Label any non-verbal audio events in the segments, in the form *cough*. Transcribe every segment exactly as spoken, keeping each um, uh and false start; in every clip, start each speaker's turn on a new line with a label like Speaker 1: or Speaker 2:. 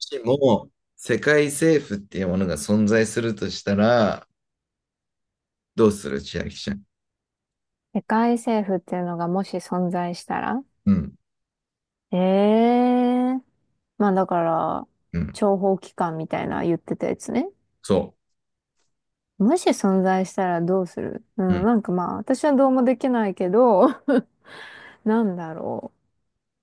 Speaker 1: しも世界政府っていうものが存在するとしたら、どうする千秋ちゃん。
Speaker 2: 世界政府っていうのがもし存在したら
Speaker 1: うん、
Speaker 2: ええー。まあだから、
Speaker 1: うん、
Speaker 2: 諜報機関みたいな言ってたやつね。
Speaker 1: そ
Speaker 2: もし存在したらどうする、う
Speaker 1: う。う
Speaker 2: ん、
Speaker 1: ん、
Speaker 2: なんかまあ私はどうもできないけど、*laughs* なんだろ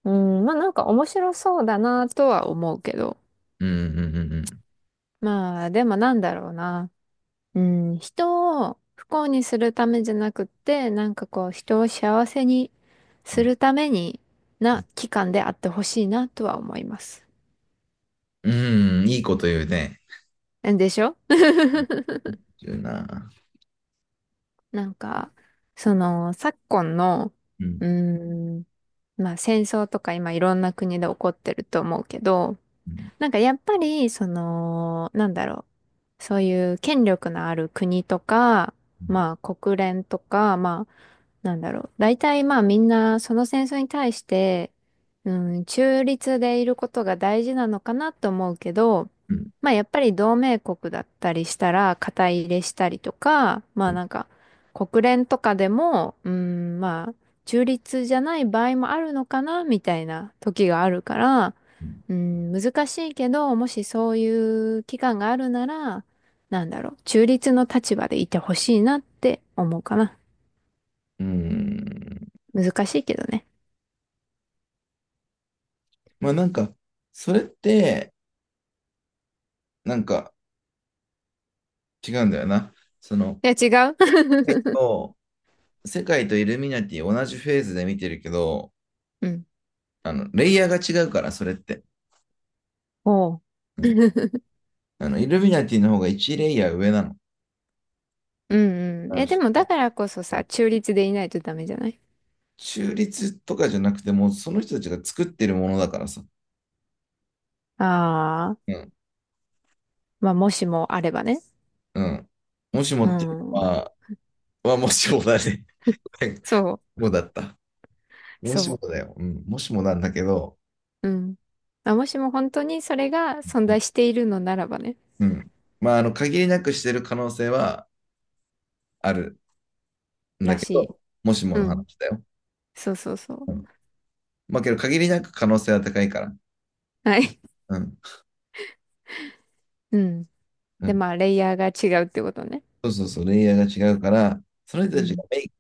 Speaker 2: う。うん、まあなんか面白そうだなとは思うけど。
Speaker 1: うん、うん、
Speaker 2: まあでもなんだろうな。うん、人を不幸にするためじゃなくって、なんかこう、人を幸せに
Speaker 1: う
Speaker 2: す
Speaker 1: ん、
Speaker 2: るためにな期間であってほしいなとは思います。
Speaker 1: うん、うんいいこと言うね。
Speaker 2: でしょ *laughs*
Speaker 1: 言うな。
Speaker 2: なんか、その、昨今の、
Speaker 1: うん、
Speaker 2: うーん、まあ戦争とか今いろんな国で起こってると思うけど、
Speaker 1: うん、
Speaker 2: なんかやっぱり、その、なんだろう。そういう権力のある国とか、
Speaker 1: うん、
Speaker 2: まあ国連とか、まあ、なんだろう。大体まあみんなその戦争に対して、うん、中立でいることが大事なのかなと思うけど、
Speaker 1: うん、
Speaker 2: まあやっぱり同盟国だったりしたら肩入れしたりとか、まあなんか国連とかでも、うん、まあ中立じゃない場合もあるのかなみたいな時があるから、
Speaker 1: うん。
Speaker 2: うん、難しいけど、もしそういう期間があるなら、なんだろう、中立の立場でいてほしいなって思うかな。
Speaker 1: うん
Speaker 2: 難しいけどね。
Speaker 1: まあなんか、それって、なんか違うんだよな。その、
Speaker 2: いや、違う *laughs*
Speaker 1: えっと世界とイルミナティ同じフェーズで見てるけど、
Speaker 2: うん。
Speaker 1: あの、レイヤーが違うから、それって。
Speaker 2: おう。
Speaker 1: うん。あの、イルミナティの方がワンレイヤー上なの。
Speaker 2: うんう
Speaker 1: あ
Speaker 2: ん。
Speaker 1: の
Speaker 2: え、で
Speaker 1: そ
Speaker 2: もだ
Speaker 1: の
Speaker 2: からこそ
Speaker 1: う
Speaker 2: さ、
Speaker 1: ん、
Speaker 2: 中立でいないとダメじゃない？
Speaker 1: 中立とかじゃなくても、その人たちが作ってるものだからさ。
Speaker 2: ああー、
Speaker 1: うん。
Speaker 2: まあ、もしもあればね。
Speaker 1: うん。もしも
Speaker 2: う
Speaker 1: っていうの
Speaker 2: ん。
Speaker 1: は、はもしもだね。*laughs*
Speaker 2: そう、
Speaker 1: もうだった。もしも
Speaker 2: そ
Speaker 1: だよ。うん。もしもなんだけど、
Speaker 2: う。うん。まあ、もしも本当にそれが存在しているのならばね。
Speaker 1: うん。まあ、あの、限りなくしてる可能性はあるんだ
Speaker 2: ら
Speaker 1: け
Speaker 2: しい。
Speaker 1: ど、もしも
Speaker 2: う
Speaker 1: の
Speaker 2: ん。
Speaker 1: 話だよ。
Speaker 2: そうそうそう。
Speaker 1: うん。まあ、けど、限りなく可能性は高いから。
Speaker 2: はい。
Speaker 1: うん。
Speaker 2: うん。
Speaker 1: う
Speaker 2: で、
Speaker 1: ん。
Speaker 2: まあ、レイヤーが違うってことね。
Speaker 1: そうそうそう、レイヤーが違うから、その人
Speaker 2: う
Speaker 1: たちが
Speaker 2: ん
Speaker 1: メイ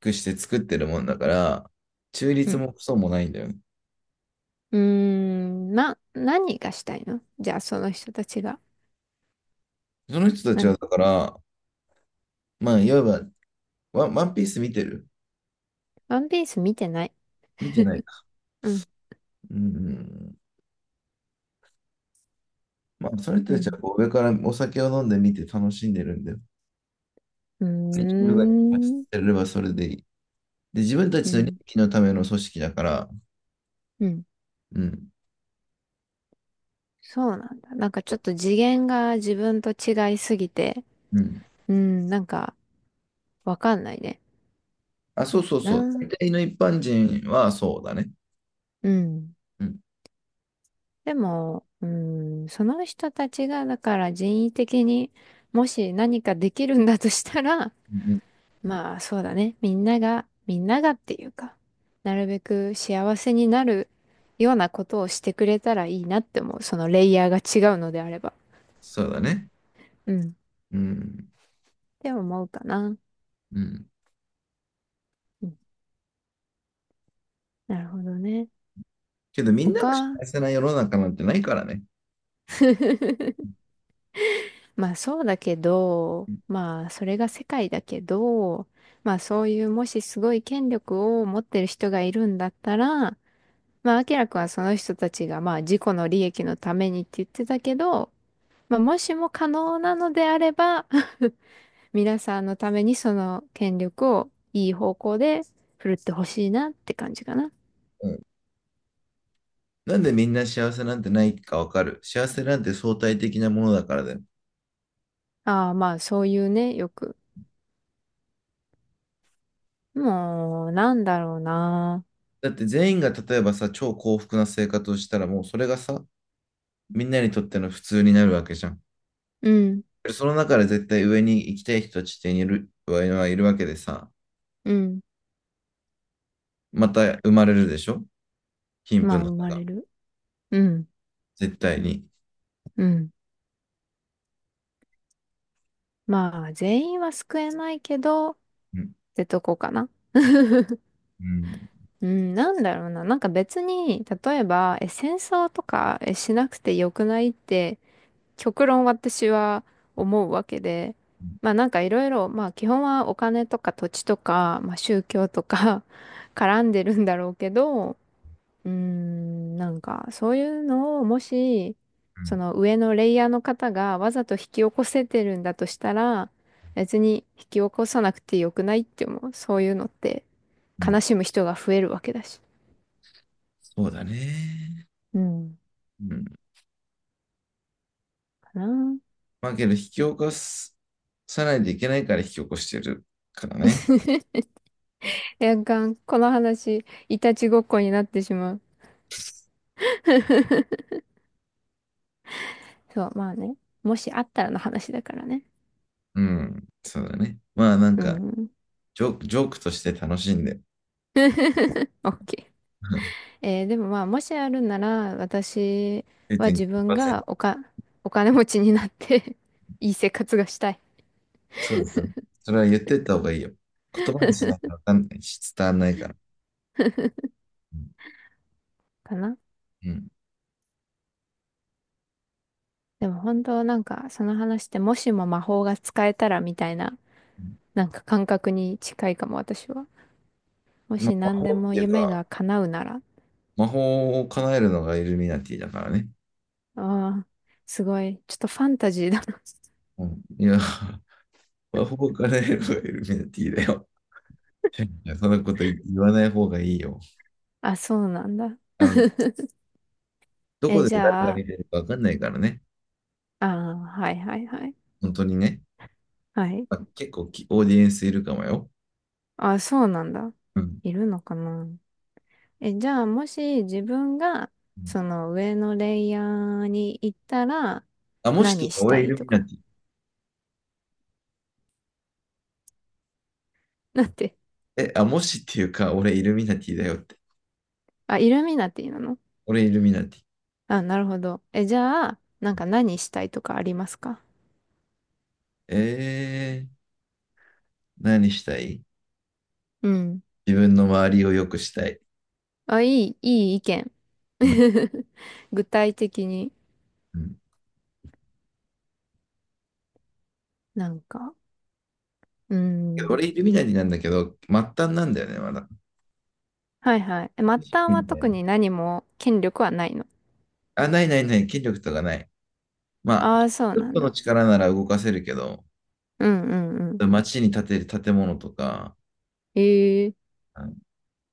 Speaker 1: クして作ってるもんだから、中
Speaker 2: う
Speaker 1: 立
Speaker 2: ん。
Speaker 1: もクソもないんだよね。
Speaker 2: うーん、な、何がしたいの、じゃあ、その人たちが。
Speaker 1: その人た
Speaker 2: な
Speaker 1: ちは、
Speaker 2: ん、
Speaker 1: だから、まあ、いわばワン、ワンピース見てる。
Speaker 2: ワンピース見てない。
Speaker 1: 見てないか。
Speaker 2: うん、
Speaker 1: うん。まあ、その人
Speaker 2: う
Speaker 1: たちは
Speaker 2: ん、
Speaker 1: こう上からお酒を飲んで見て楽しんでるんで、
Speaker 2: うー
Speaker 1: 自分が発
Speaker 2: ん、
Speaker 1: せればそれでいい。で、自分た
Speaker 2: う
Speaker 1: ちの利
Speaker 2: ん、
Speaker 1: 益のための組織だから、
Speaker 2: うん。
Speaker 1: うん。
Speaker 2: そうなんだ。なんかちょっと次元が自分と違いすぎて、
Speaker 1: うん。
Speaker 2: うん、なんかわかんないね。
Speaker 1: あ、そうそう
Speaker 2: な
Speaker 1: そう。大
Speaker 2: あ、
Speaker 1: 体の一般人はそうだね。
Speaker 2: うん。
Speaker 1: うん。
Speaker 2: でも、うん、その人たちが、だから人為的にもし何かできるんだとしたら、
Speaker 1: うん、
Speaker 2: まあそうだね。みんなが、みんながっていうか、なるべく幸せになるようなことをしてくれたらいいなって思う。そのレイヤーが違うのであれば。
Speaker 1: そうだね。
Speaker 2: うん。っ
Speaker 1: うん。
Speaker 2: て思うかな。
Speaker 1: うん。
Speaker 2: うん。なるほどね。
Speaker 1: けど、みんなが
Speaker 2: 他
Speaker 1: 幸せな世の中なんてないからね。
Speaker 2: *laughs* まあそうだけど、まあそれが世界だけど、まあそういうもしすごい権力を持ってる人がいるんだったら、まあ明らくんはその人たちがまあ自己の利益のためにって言ってたけど、まあ、もしも可能なのであれば *laughs* 皆さんのためにその権力をいい方向で振るってほしいなって感じかな。
Speaker 1: うん。なんでみんな幸せなんてないかわかる。幸せなんて相対的なものだからだよ。
Speaker 2: ああ、まあそういうね、よく。もう、なんだろうな。
Speaker 1: だって全員が例えばさ、超幸福な生活をしたらもうそれがさ、みんなにとっての普通になるわけじゃん。
Speaker 2: うん、
Speaker 1: その中で絶対上に行きたい人たちっている、はいるわけでさ、
Speaker 2: うん。
Speaker 1: また生まれるでしょ、貧
Speaker 2: ま
Speaker 1: 富
Speaker 2: あ
Speaker 1: の差
Speaker 2: 生ま
Speaker 1: が。
Speaker 2: れる。うん、
Speaker 1: 絶対に。
Speaker 2: うん。まあ全員は救えないけど、っ
Speaker 1: うん、
Speaker 2: てとこかな。*laughs*
Speaker 1: うん、
Speaker 2: うん、なんだろうな。なんか別に、例えば、え、戦争とかえしなくてよくない？って極論私は思うわけで、まあ
Speaker 1: う
Speaker 2: なんかいろいろ、まあ基本はお金とか土地とか、まあ宗教とか *laughs* 絡んでるんだろうけど、うーん、なんかそういうのをもし、そ
Speaker 1: ん、
Speaker 2: の上のレイヤーの方がわざと引き起こせてるんだとしたら、別に引き起こさなくてよくない？って思う。そういうのって
Speaker 1: うん。
Speaker 2: 悲しむ人が増えるわけだし。
Speaker 1: そうだね。
Speaker 2: うん、
Speaker 1: うん。
Speaker 2: かな。
Speaker 1: まあけど引き起こす、さないといけないから引き起こしてるから
Speaker 2: *laughs*
Speaker 1: ね。
Speaker 2: いや、がんこの話、いたちごっこになってしまう。*laughs* そう、まあね。もしあったらの話だからね。
Speaker 1: うん。そうだね。まあなん
Speaker 2: う
Speaker 1: か、
Speaker 2: ん。
Speaker 1: ジョーク、ジョークとして楽しんで、
Speaker 2: *laughs* オッケ
Speaker 1: *laughs*
Speaker 2: ー。えーでもまあ、もしあるなら、私は自分が
Speaker 1: れいてんきゅうパーセント。
Speaker 2: おか、お金持ちになって *laughs* いい生活がしたい
Speaker 1: そうですね。それは言ってった方がいいよ。言葉にしないとわかんないし、伝わんないから。
Speaker 2: *laughs*。
Speaker 1: う
Speaker 2: かな。
Speaker 1: ん。
Speaker 2: でも本当なんか、その話って、もしも魔法が使えたらみたいな、
Speaker 1: うん。
Speaker 2: なんか感覚に近いかも、私は。も
Speaker 1: まあ、
Speaker 2: し
Speaker 1: 魔
Speaker 2: 何
Speaker 1: 法
Speaker 2: で
Speaker 1: っ
Speaker 2: も
Speaker 1: ていう
Speaker 2: 夢
Speaker 1: か、
Speaker 2: が叶うなら。
Speaker 1: 魔法を叶えるのがイルミナティだからね。
Speaker 2: ああ、すごい。ちょっとファンタジーだな。
Speaker 1: うん。いや、*laughs* 魔法を叶えるのがイルミナティだよ。いや、そんなこと言言わない方がいいよ。
Speaker 2: *laughs* あ、そうなんだ。
Speaker 1: あの、
Speaker 2: *laughs*
Speaker 1: どこ
Speaker 2: え、
Speaker 1: で
Speaker 2: じ
Speaker 1: 誰が
Speaker 2: ゃ
Speaker 1: 見
Speaker 2: あ、
Speaker 1: てるかわかんないからね。
Speaker 2: ああ、はいはいはい。
Speaker 1: 本当にね。
Speaker 2: はい。
Speaker 1: まあ、結構きオーディエンスいるかもよ。
Speaker 2: あ、そうなんだ。
Speaker 1: うん。
Speaker 2: いるのかな。え、じゃあ、もし自分が、
Speaker 1: うん。
Speaker 2: その上のレイヤーに行ったら、
Speaker 1: あ、もしってい
Speaker 2: 何
Speaker 1: うか、
Speaker 2: した
Speaker 1: 俺イ
Speaker 2: い
Speaker 1: ル
Speaker 2: と
Speaker 1: ミナテ
Speaker 2: か。
Speaker 1: ィ。
Speaker 2: *laughs* だって、
Speaker 1: え、あ、もしっていうか、俺イルミナティだよって。
Speaker 2: あ、イルミナティなの？
Speaker 1: 俺イルミナティ。
Speaker 2: あ、なるほど。え、じゃあ、なんか何したいとかありますか？
Speaker 1: えー。何したい、
Speaker 2: うん。
Speaker 1: 自分の周りを良くしたい。
Speaker 2: あ、いい、いい意見。
Speaker 1: うん。
Speaker 2: *laughs* 具体的に
Speaker 1: うん。
Speaker 2: なんか。うん。
Speaker 1: 俺、イルミナリなんだけど、末端なんだよね、まだ。
Speaker 2: はいはい。え、末端
Speaker 1: み
Speaker 2: は
Speaker 1: たい
Speaker 2: 特
Speaker 1: な。
Speaker 2: に何も権力はないの？
Speaker 1: あ、ないないない、権力とかない。まあ、
Speaker 2: ああ、そう
Speaker 1: ちょっ
Speaker 2: なん
Speaker 1: との
Speaker 2: だ。
Speaker 1: 力なら動かせるけど、
Speaker 2: うんうんうん。
Speaker 1: 街に建てる建物とか、
Speaker 2: ええ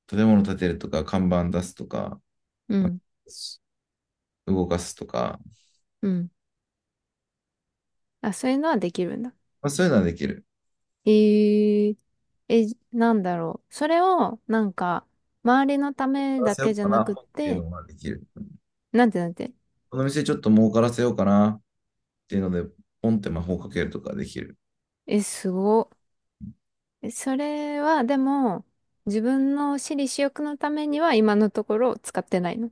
Speaker 1: 建物建てるとか、看板出すとか、
Speaker 2: うん
Speaker 1: 動かすとか、
Speaker 2: うん。あ、そういうのはできるんだ。
Speaker 1: まあ、そういうのはできる。
Speaker 2: ええ、え、なんだろう。それを、なんか、周りのた
Speaker 1: 儲か
Speaker 2: め
Speaker 1: ら
Speaker 2: だ
Speaker 1: せよ
Speaker 2: け
Speaker 1: う
Speaker 2: じゃ
Speaker 1: か
Speaker 2: な
Speaker 1: な
Speaker 2: くっ
Speaker 1: っていう
Speaker 2: て、
Speaker 1: のはできる。
Speaker 2: なんてなんて。
Speaker 1: この店ちょっと儲からせようかなっていうので、ポンって魔法かけるとかできる。
Speaker 2: え、すご。え、それは、でも、自分の私利私欲のためには今のところ使ってないの？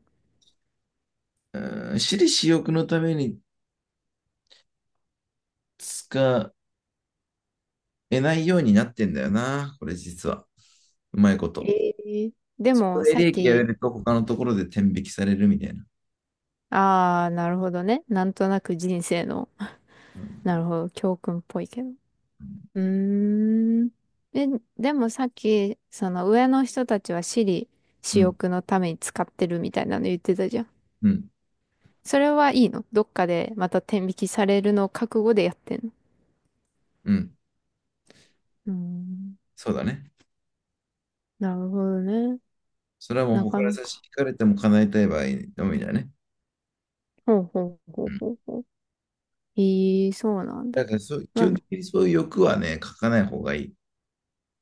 Speaker 1: うん、私利私欲のために使得ないようになってんだよな、これ実は。うまいこと。
Speaker 2: ええで
Speaker 1: そこ
Speaker 2: も、
Speaker 1: で
Speaker 2: さ
Speaker 1: 利
Speaker 2: っ
Speaker 1: 益やれ
Speaker 2: き、
Speaker 1: ると他のところで天引きされるみたいな。
Speaker 2: ああ、なるほどね。なんとなく人生の、
Speaker 1: うん、
Speaker 2: なるほど、教訓っぽいけど。う
Speaker 1: う
Speaker 2: ーん。え、でもさっき、その上の人たちは私利私
Speaker 1: ん、
Speaker 2: 欲のために使ってるみたいなの言ってたじゃん。
Speaker 1: うん、
Speaker 2: それはいいの？どっかでまた天引きされるのを覚悟でやってんの？
Speaker 1: うん、
Speaker 2: うーん。
Speaker 1: そうだね。
Speaker 2: なるほどね。
Speaker 1: それはもう
Speaker 2: なか
Speaker 1: 他に
Speaker 2: な
Speaker 1: 差し
Speaker 2: か。
Speaker 1: 引かれても叶えたい場合のみだね。
Speaker 2: ほうほうほうほうほう。ええ、そうなん
Speaker 1: だ
Speaker 2: だ。
Speaker 1: からそう、基
Speaker 2: ま
Speaker 1: 本
Speaker 2: あ、
Speaker 1: 的にそういう欲はね、書かない方がいい。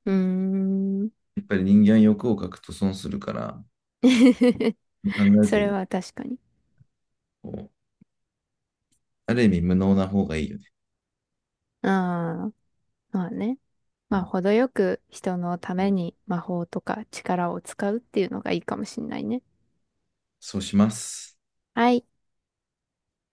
Speaker 2: うーん。
Speaker 1: やっぱり人間は欲を書くと損するから、
Speaker 2: *laughs*
Speaker 1: 考え
Speaker 2: そ
Speaker 1: ず
Speaker 2: れ
Speaker 1: に
Speaker 2: は確かに。
Speaker 1: こう、ある意味無能な方がいいよね。
Speaker 2: ああ。まあね。
Speaker 1: う
Speaker 2: まあ、
Speaker 1: ん、
Speaker 2: 程よく人のために魔法とか力を使うっていうのがいいかもしんないね。
Speaker 1: そうします。
Speaker 2: はい。